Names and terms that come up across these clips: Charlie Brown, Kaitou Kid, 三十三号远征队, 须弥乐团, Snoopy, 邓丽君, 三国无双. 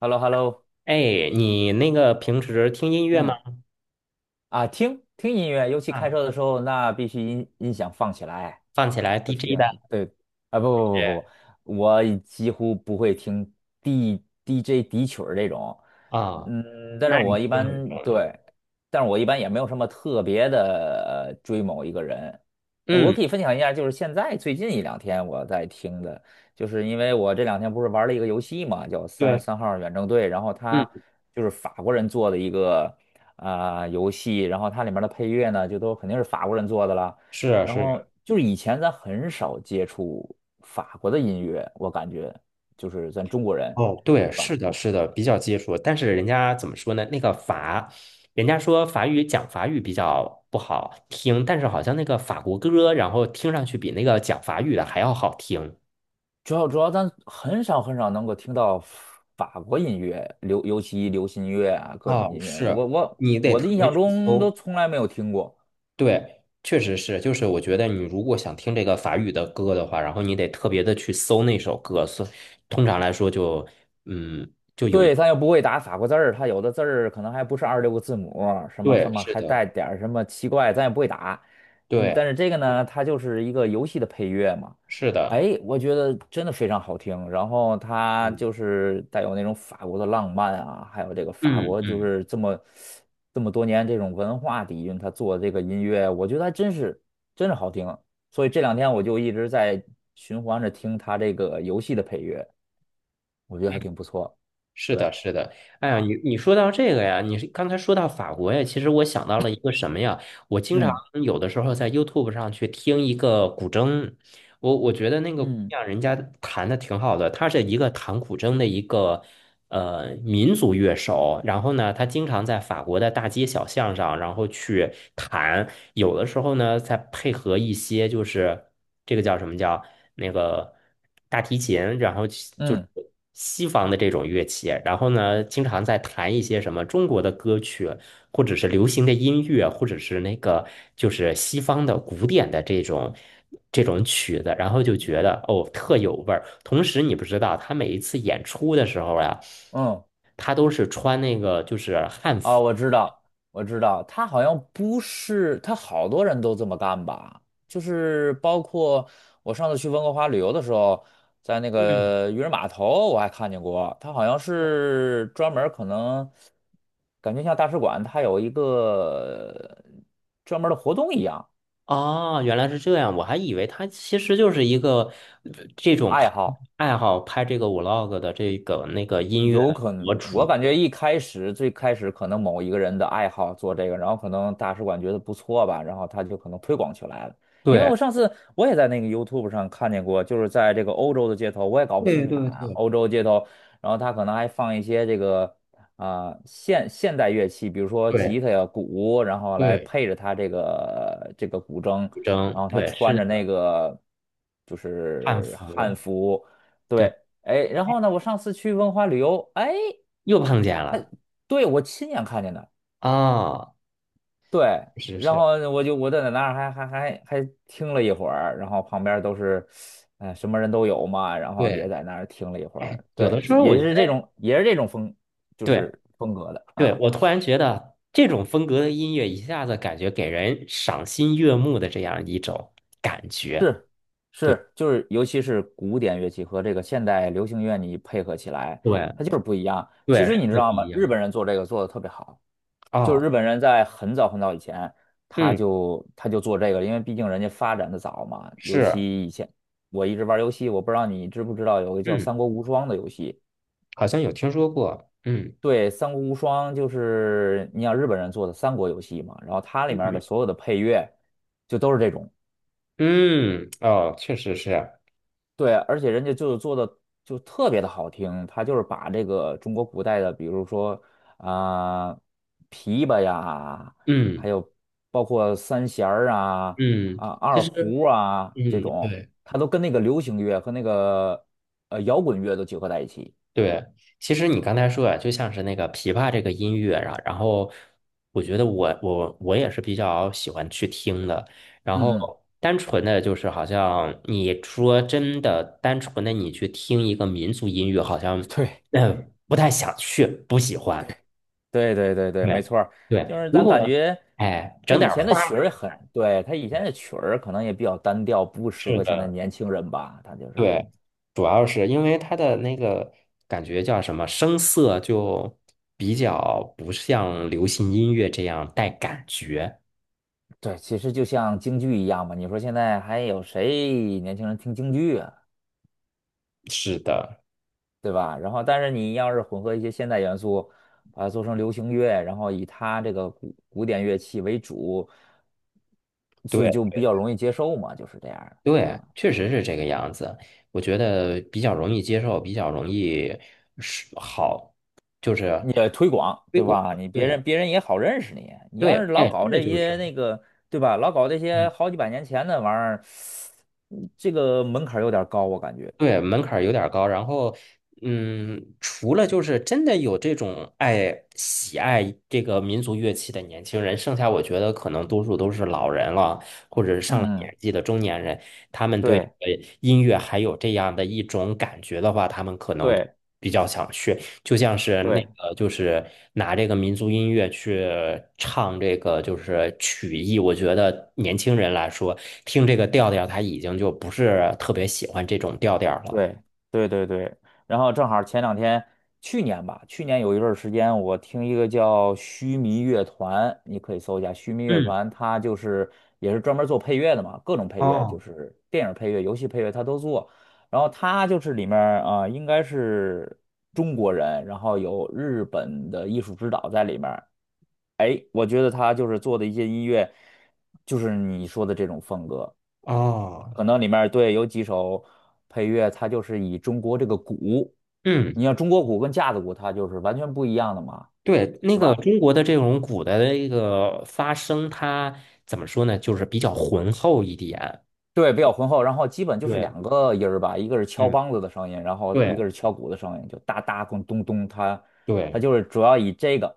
h e l l o h e l l o。 哎，你那个平时听音乐吗？嗯。啊，听听音乐，尤其开啊，车的时候，那必须音响放起来。放起来 我 DJ 的天，对，啊，不是不不不不，我已几乎不会听 DJ 底曲儿这种，啊，嗯，但是那我你一听得很重般要。对，但是我一般也没有什么特别的追某一个人。我嗯，可以分享一下，就是现在最近一两天我在听的，就是因为我这两天不是玩了一个游戏嘛，叫《三十对，三号远征队》，然后嗯，它就是法国人做的一个游戏，然后它里面的配乐呢，就都肯定是法国人做的了。是啊，然是啊后就是以前咱很少接触法国的音乐，我感觉就是咱中国人，哦，对，对吧？是的，是的，比较接触。但是人家怎么说呢？那个法，人家说法语讲法语比较不好听，但是好像那个法国歌，然后听上去比那个讲法语的还要好听。主要咱很少很少能够听到法国音乐，尤其流行乐啊，各种哦，音乐，我是，我你得我的特印别象去中都搜。从来没有听过。对，确实是，就是我觉得你如果想听这个法语的歌的话，然后你得特别的去搜那首歌，所以通常来说就，嗯，对，他又不会打法国字儿，他有的字儿可能还不是26个字母，什么什对，么是还的，带点儿什么奇怪，咱也不会打。对，但是这个呢，它就是一个游戏的配乐嘛。是的，哎，我觉得真的非常好听，然后它嗯就是带有那种法国的浪漫啊，还有这个法嗯国就嗯，是这么多年这种文化底蕴，他做的这个音乐，我觉得还真是真是好听。所以这两天我就一直在循环着听他这个游戏的配乐，我觉得还挺不错。是的，对。是的。哎呀，你说到这个呀，你是刚才说到法国呀，其实我想到了一个什么呀？我经常嗯有的时候在 YouTube 上去听一个古筝，我觉得那个姑嗯娘人家弹的挺好的，她是一个弹古筝的一个。民族乐手，然后呢，他经常在法国的大街小巷上，然后去弹，有的时候呢，再配合一些就是这个叫什么叫那个大提琴，然后就是嗯西方的这种乐器，然后呢，经常在弹一些什么中国的歌曲，或者是流行的音乐，或者是那个就是西方的古典的这种。这种曲子，然后就觉得哦特有味儿。同时，你不知道他每一次演出的时候呀、嗯。他都是穿那个就是汉啊，服。我知道，我知道，他好像不是，他好多人都这么干吧？就是包括我上次去温哥华旅游的时候，在那嗯，个渔人码头，我还看见过，他好像是专门儿可能感觉像大使馆，它有一个呃专门儿的活动一样，哦，原来是这样，我还以为他其实就是一个这种爱拍好。爱好拍这个 vlog 的这个那个音乐有的可能，博我主。感觉一开始最开始可能某一个人的爱好做这个，然后可能大使馆觉得不错吧，然后他就可能推广起来了。因为对我上次我也在那个 YouTube 上看见过，就是在这个欧洲的街头，我也搞不清对是哪对儿啊，对欧洲街头，然后他可能还放一些这个现代乐器，比如说吉对他呀、鼓，然后来对，配着他这个古筝，然真后他对，穿是着那的，个就汉是汉服，服。对，对，哎，然后呢，我上次去文化旅游，哎，又碰见了对，我亲眼看见的，啊，对，是然后是，我在那儿还听了一会儿，然后旁边都是，哎，什么人都有嘛，然后对，也在那儿听了一会哎，儿，有的对，时这候我也觉是这得种也是这种风，就对。是风格的对，啊，我突然觉得这种风格的音乐一下子感觉给人赏心悦目的这样一种感觉。是是，就是尤其是古典乐器和这个现代流行乐你配合起来，对，它就是不一样。其对，实你是知的不道吗？一日样。本人做这个做的特别好。就是哦，日本人在很早很早以前，他嗯，就他就做这个因为毕竟人家发展的早嘛。尤是，其以前我一直玩游戏，我不知道你知不知道有个叫嗯，《三国无双》的游戏。好像有听说过，对，《三国无双》就是你想日本人做的三国游戏嘛，然后它里嗯面的所有的配乐就都是这种。嗯，哦，确实是，对，而且人家就是做的就特别的好听，他就是把这个中国古代的，比如说啊、琵琶呀，还嗯有包括三弦儿啊、嗯，其二实，胡啊这嗯，种，对。他都跟那个流行乐和那个摇滚乐都结合在一起。对，其实你刚才说啊，就像是那个琵琶这个音乐啊，然后我觉得我也是比较喜欢去听的。然嗯嗯，后单纯的就是好像你说真的，单纯的你去听一个民族音乐，好像 对不太想去，不喜欢。对对对对，没对错儿，就对，是如咱感果觉哎他整以点儿前的花儿，曲儿也很，对，他以前对，的曲儿可能也比较单调，不适是合现在的。年轻人吧，他就是。对，主要是因为它的那个感觉叫什么，声色就比较不像流行音乐这样带感觉。对，其实就像京剧一样嘛，你说现在还有谁年轻人听京剧啊，是的，对吧？然后，但是你要是混合一些现代元素，把它做成流行乐，然后以它这个古典乐器为主，所以就比对较容易接受嘛，就是这样的对，啊。确实是这个样子。我觉得比较容易接受，比较容易是好，就是你也推广，推对广。吧？你别对人别人也好认识你。你要对，是老哎，搞真的这就是。些那个，对吧？老搞这些嗯。好几百年前的玩意儿，这个门槛儿有点儿高，我感觉。对，门槛儿有点儿高，然后，嗯，除了就是真的有这种爱喜爱这个民族乐器的年轻人，剩下我觉得可能多数都是老人了，或者是上了嗯年嗯，纪的中年人，他们对对音乐还有这样的一种感觉的话，他们可能对比较想去。就像是那对。个，就是拿这个民族音乐去唱这个，就是曲艺。我觉得年轻人来说，听这个调调，他已经就不是特别喜欢这种调调了。对对对对，然后正好前两天，去年有一段儿时间，我听一个叫须弥乐团，你可以搜一下须弥乐嗯，团，它就是也是专门做配乐的嘛，各种配乐，就哦，是电影配乐、游戏配乐，他都做。然后他就是里面应该是中国人，然后有日本的艺术指导在里面儿。哎，我觉得他就是做的一些音乐，就是你说的这种风格。哦，可能里面儿对有几首配乐，它就是以中国这个鼓，嗯，你像中国鼓跟架子鼓，它就是完全不一样的嘛。对，那对个吧？中国的这种鼓的一个发声，它怎么说呢？就是比较浑厚一点。对，比较浑厚，然后基本就是对，两个音儿吧，一个是敲嗯，梆子的声音，然后一对个是敲鼓的声音，就哒哒咚咚咚，它对，就是主要以这个，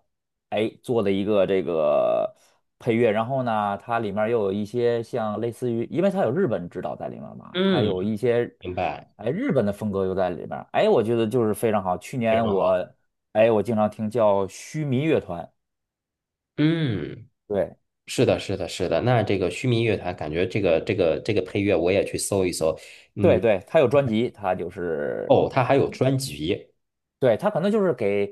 哎，做的一个这个配乐，然后呢，它里面儿又有一些像类似于，因为它有日本指导在里面儿嘛，它嗯，有一些明白，日本的风格又在里面儿，哎，我觉得就是非常好。去非年常好。我经常听叫须弥乐团，嗯。对是的。那这个须弥乐团，感觉这个配乐我也去搜一搜。嗯，对对，它有专辑，它就是。哦，它还有专辑对，他可能就是给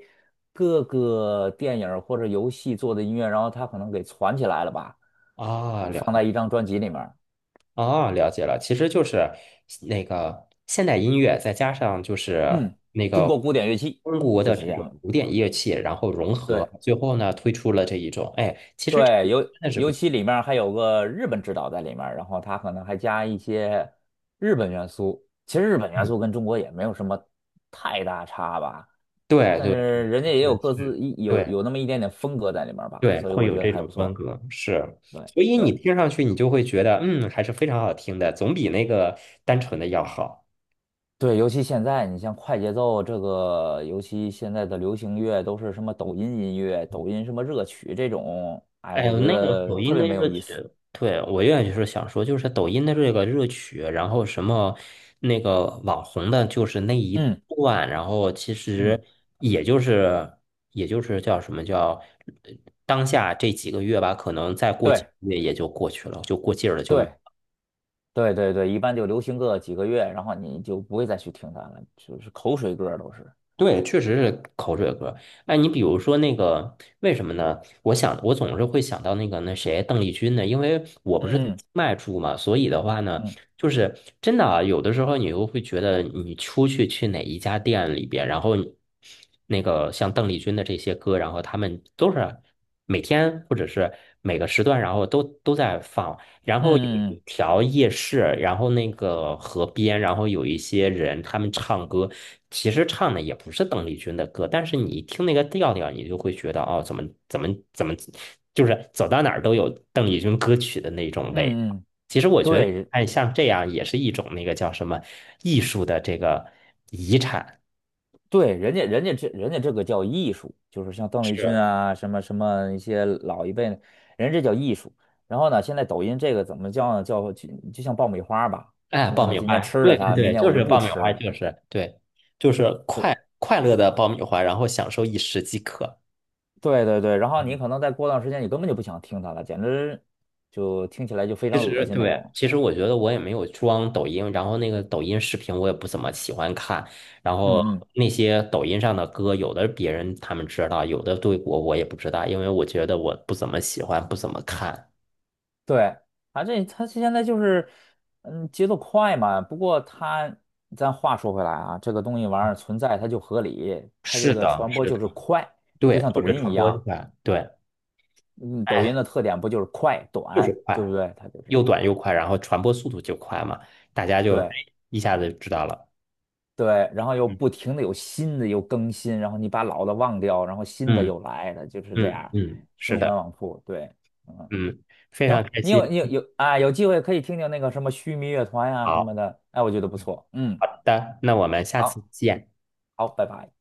各个电影儿或者游戏做的音乐，然后他可能给攒起来了吧，啊，就了放在解一张专辑里面儿，啊，了解了。其实就是那个现代音乐，再加上就是嗯，那中国个古典乐器中国就的是这这种样的，古典乐器，然后融合，对最后呢推出了这一种。哎，其实这对，个，尤其里面儿还有个日本指导在里面儿，然后他可能还加一些日本元素。其实日本元嗯，素跟中国也没有什么太大差吧，对但对是对，人其家也实有各是自一有对。有那么一点点风格在里面儿吧，对，所以会我有觉得这还种不风错。格，是，对所以对。你听上去你就会觉得，嗯，还是非常好听的，总比那个单纯的要好。对，尤其现在，你像快节奏这个，尤其现在的流行乐都是什么抖音音乐、抖音什么热曲这种，哎，哎我呦，觉那个得抖特音别的没有热曲，意思。对，我愿意是想说，就是抖音的这个热曲，然后什么那个网红的，就是那一嗯段，然后其嗯，实也就是也就是叫什么叫呃当下这几个月吧，可能再过几对个月也就过去了，就过劲儿了，就。对对对对，一般就流行个几个月，然后你就不会再去听它了，就是口水歌儿都是。对，确实是口水歌。哎，你比如说那个，为什么呢？我想，我总是会想到那个那谁，邓丽君呢？因为我不是在嗯清迈住嘛，所以的话呢，嗯就是真的啊，有的时候你又会觉得，你出去去哪一家店里边，然后你那个像邓丽君的这些歌，然后他们都是每天或者是每个时段，然后都在放。然后有嗯嗯一嗯条夜市，然后那个河边，然后有一些人他们唱歌，其实唱的也不是邓丽君的歌，但是你一听那个调调，你就会觉得哦，怎么，就是走到哪儿都有邓丽君歌曲的那种味道嗯嗯，嗯，其实我觉得，对，哎，像这样也是一种那个叫什么艺术的这个遗产。对，人家人家这人家这个叫艺术，就是像邓丽君是，啊，什么什么一些老一辈，的人家这叫艺术。然后呢，现在抖音这个怎么叫呢？叫就像爆米花吧，哎，你爆可能米今花，天吃了对对它，明对，天就我就是不爆米吃花，了。就是对，就是快快乐的爆米花，然后享受一时即可。对对对，然后你可能再过段时间，你根本就不想听它了，简直就听起来就非其常恶实心那对，种。其实我觉得我也没有装抖音，然后那个抖音视频我也不怎么喜欢看，然后嗯嗯，那些抖音上的歌，有的别人他们知道，有的对我也不知道，因为我觉得我不怎么喜欢，不怎么看。对，啊，这他现在就是，节奏快嘛。不过他，咱话说回来啊，这个东西玩意儿存在，它就合理，它这是个的，传播是就是的，快，就对，像就抖是音一传播样，快，对，嗯，抖音哎，的特点不就是快就是短，对不快，对？它就是，又短又快，然后传播速度就快嘛，大家就哎对一下子知道了。对，然后又嗯不停的有新的又更新，然后你把老的忘掉，然后新的嗯又来，它就是这嗯样嗯，是循环的，往复。对，嗯，嗯，非常行，开你心。有你有有啊，有机会可以听听那个什么须弥乐团呀、什么好，的，哎，我觉得不嗯错，嗯。好的，那我们下次好。见。好，拜拜。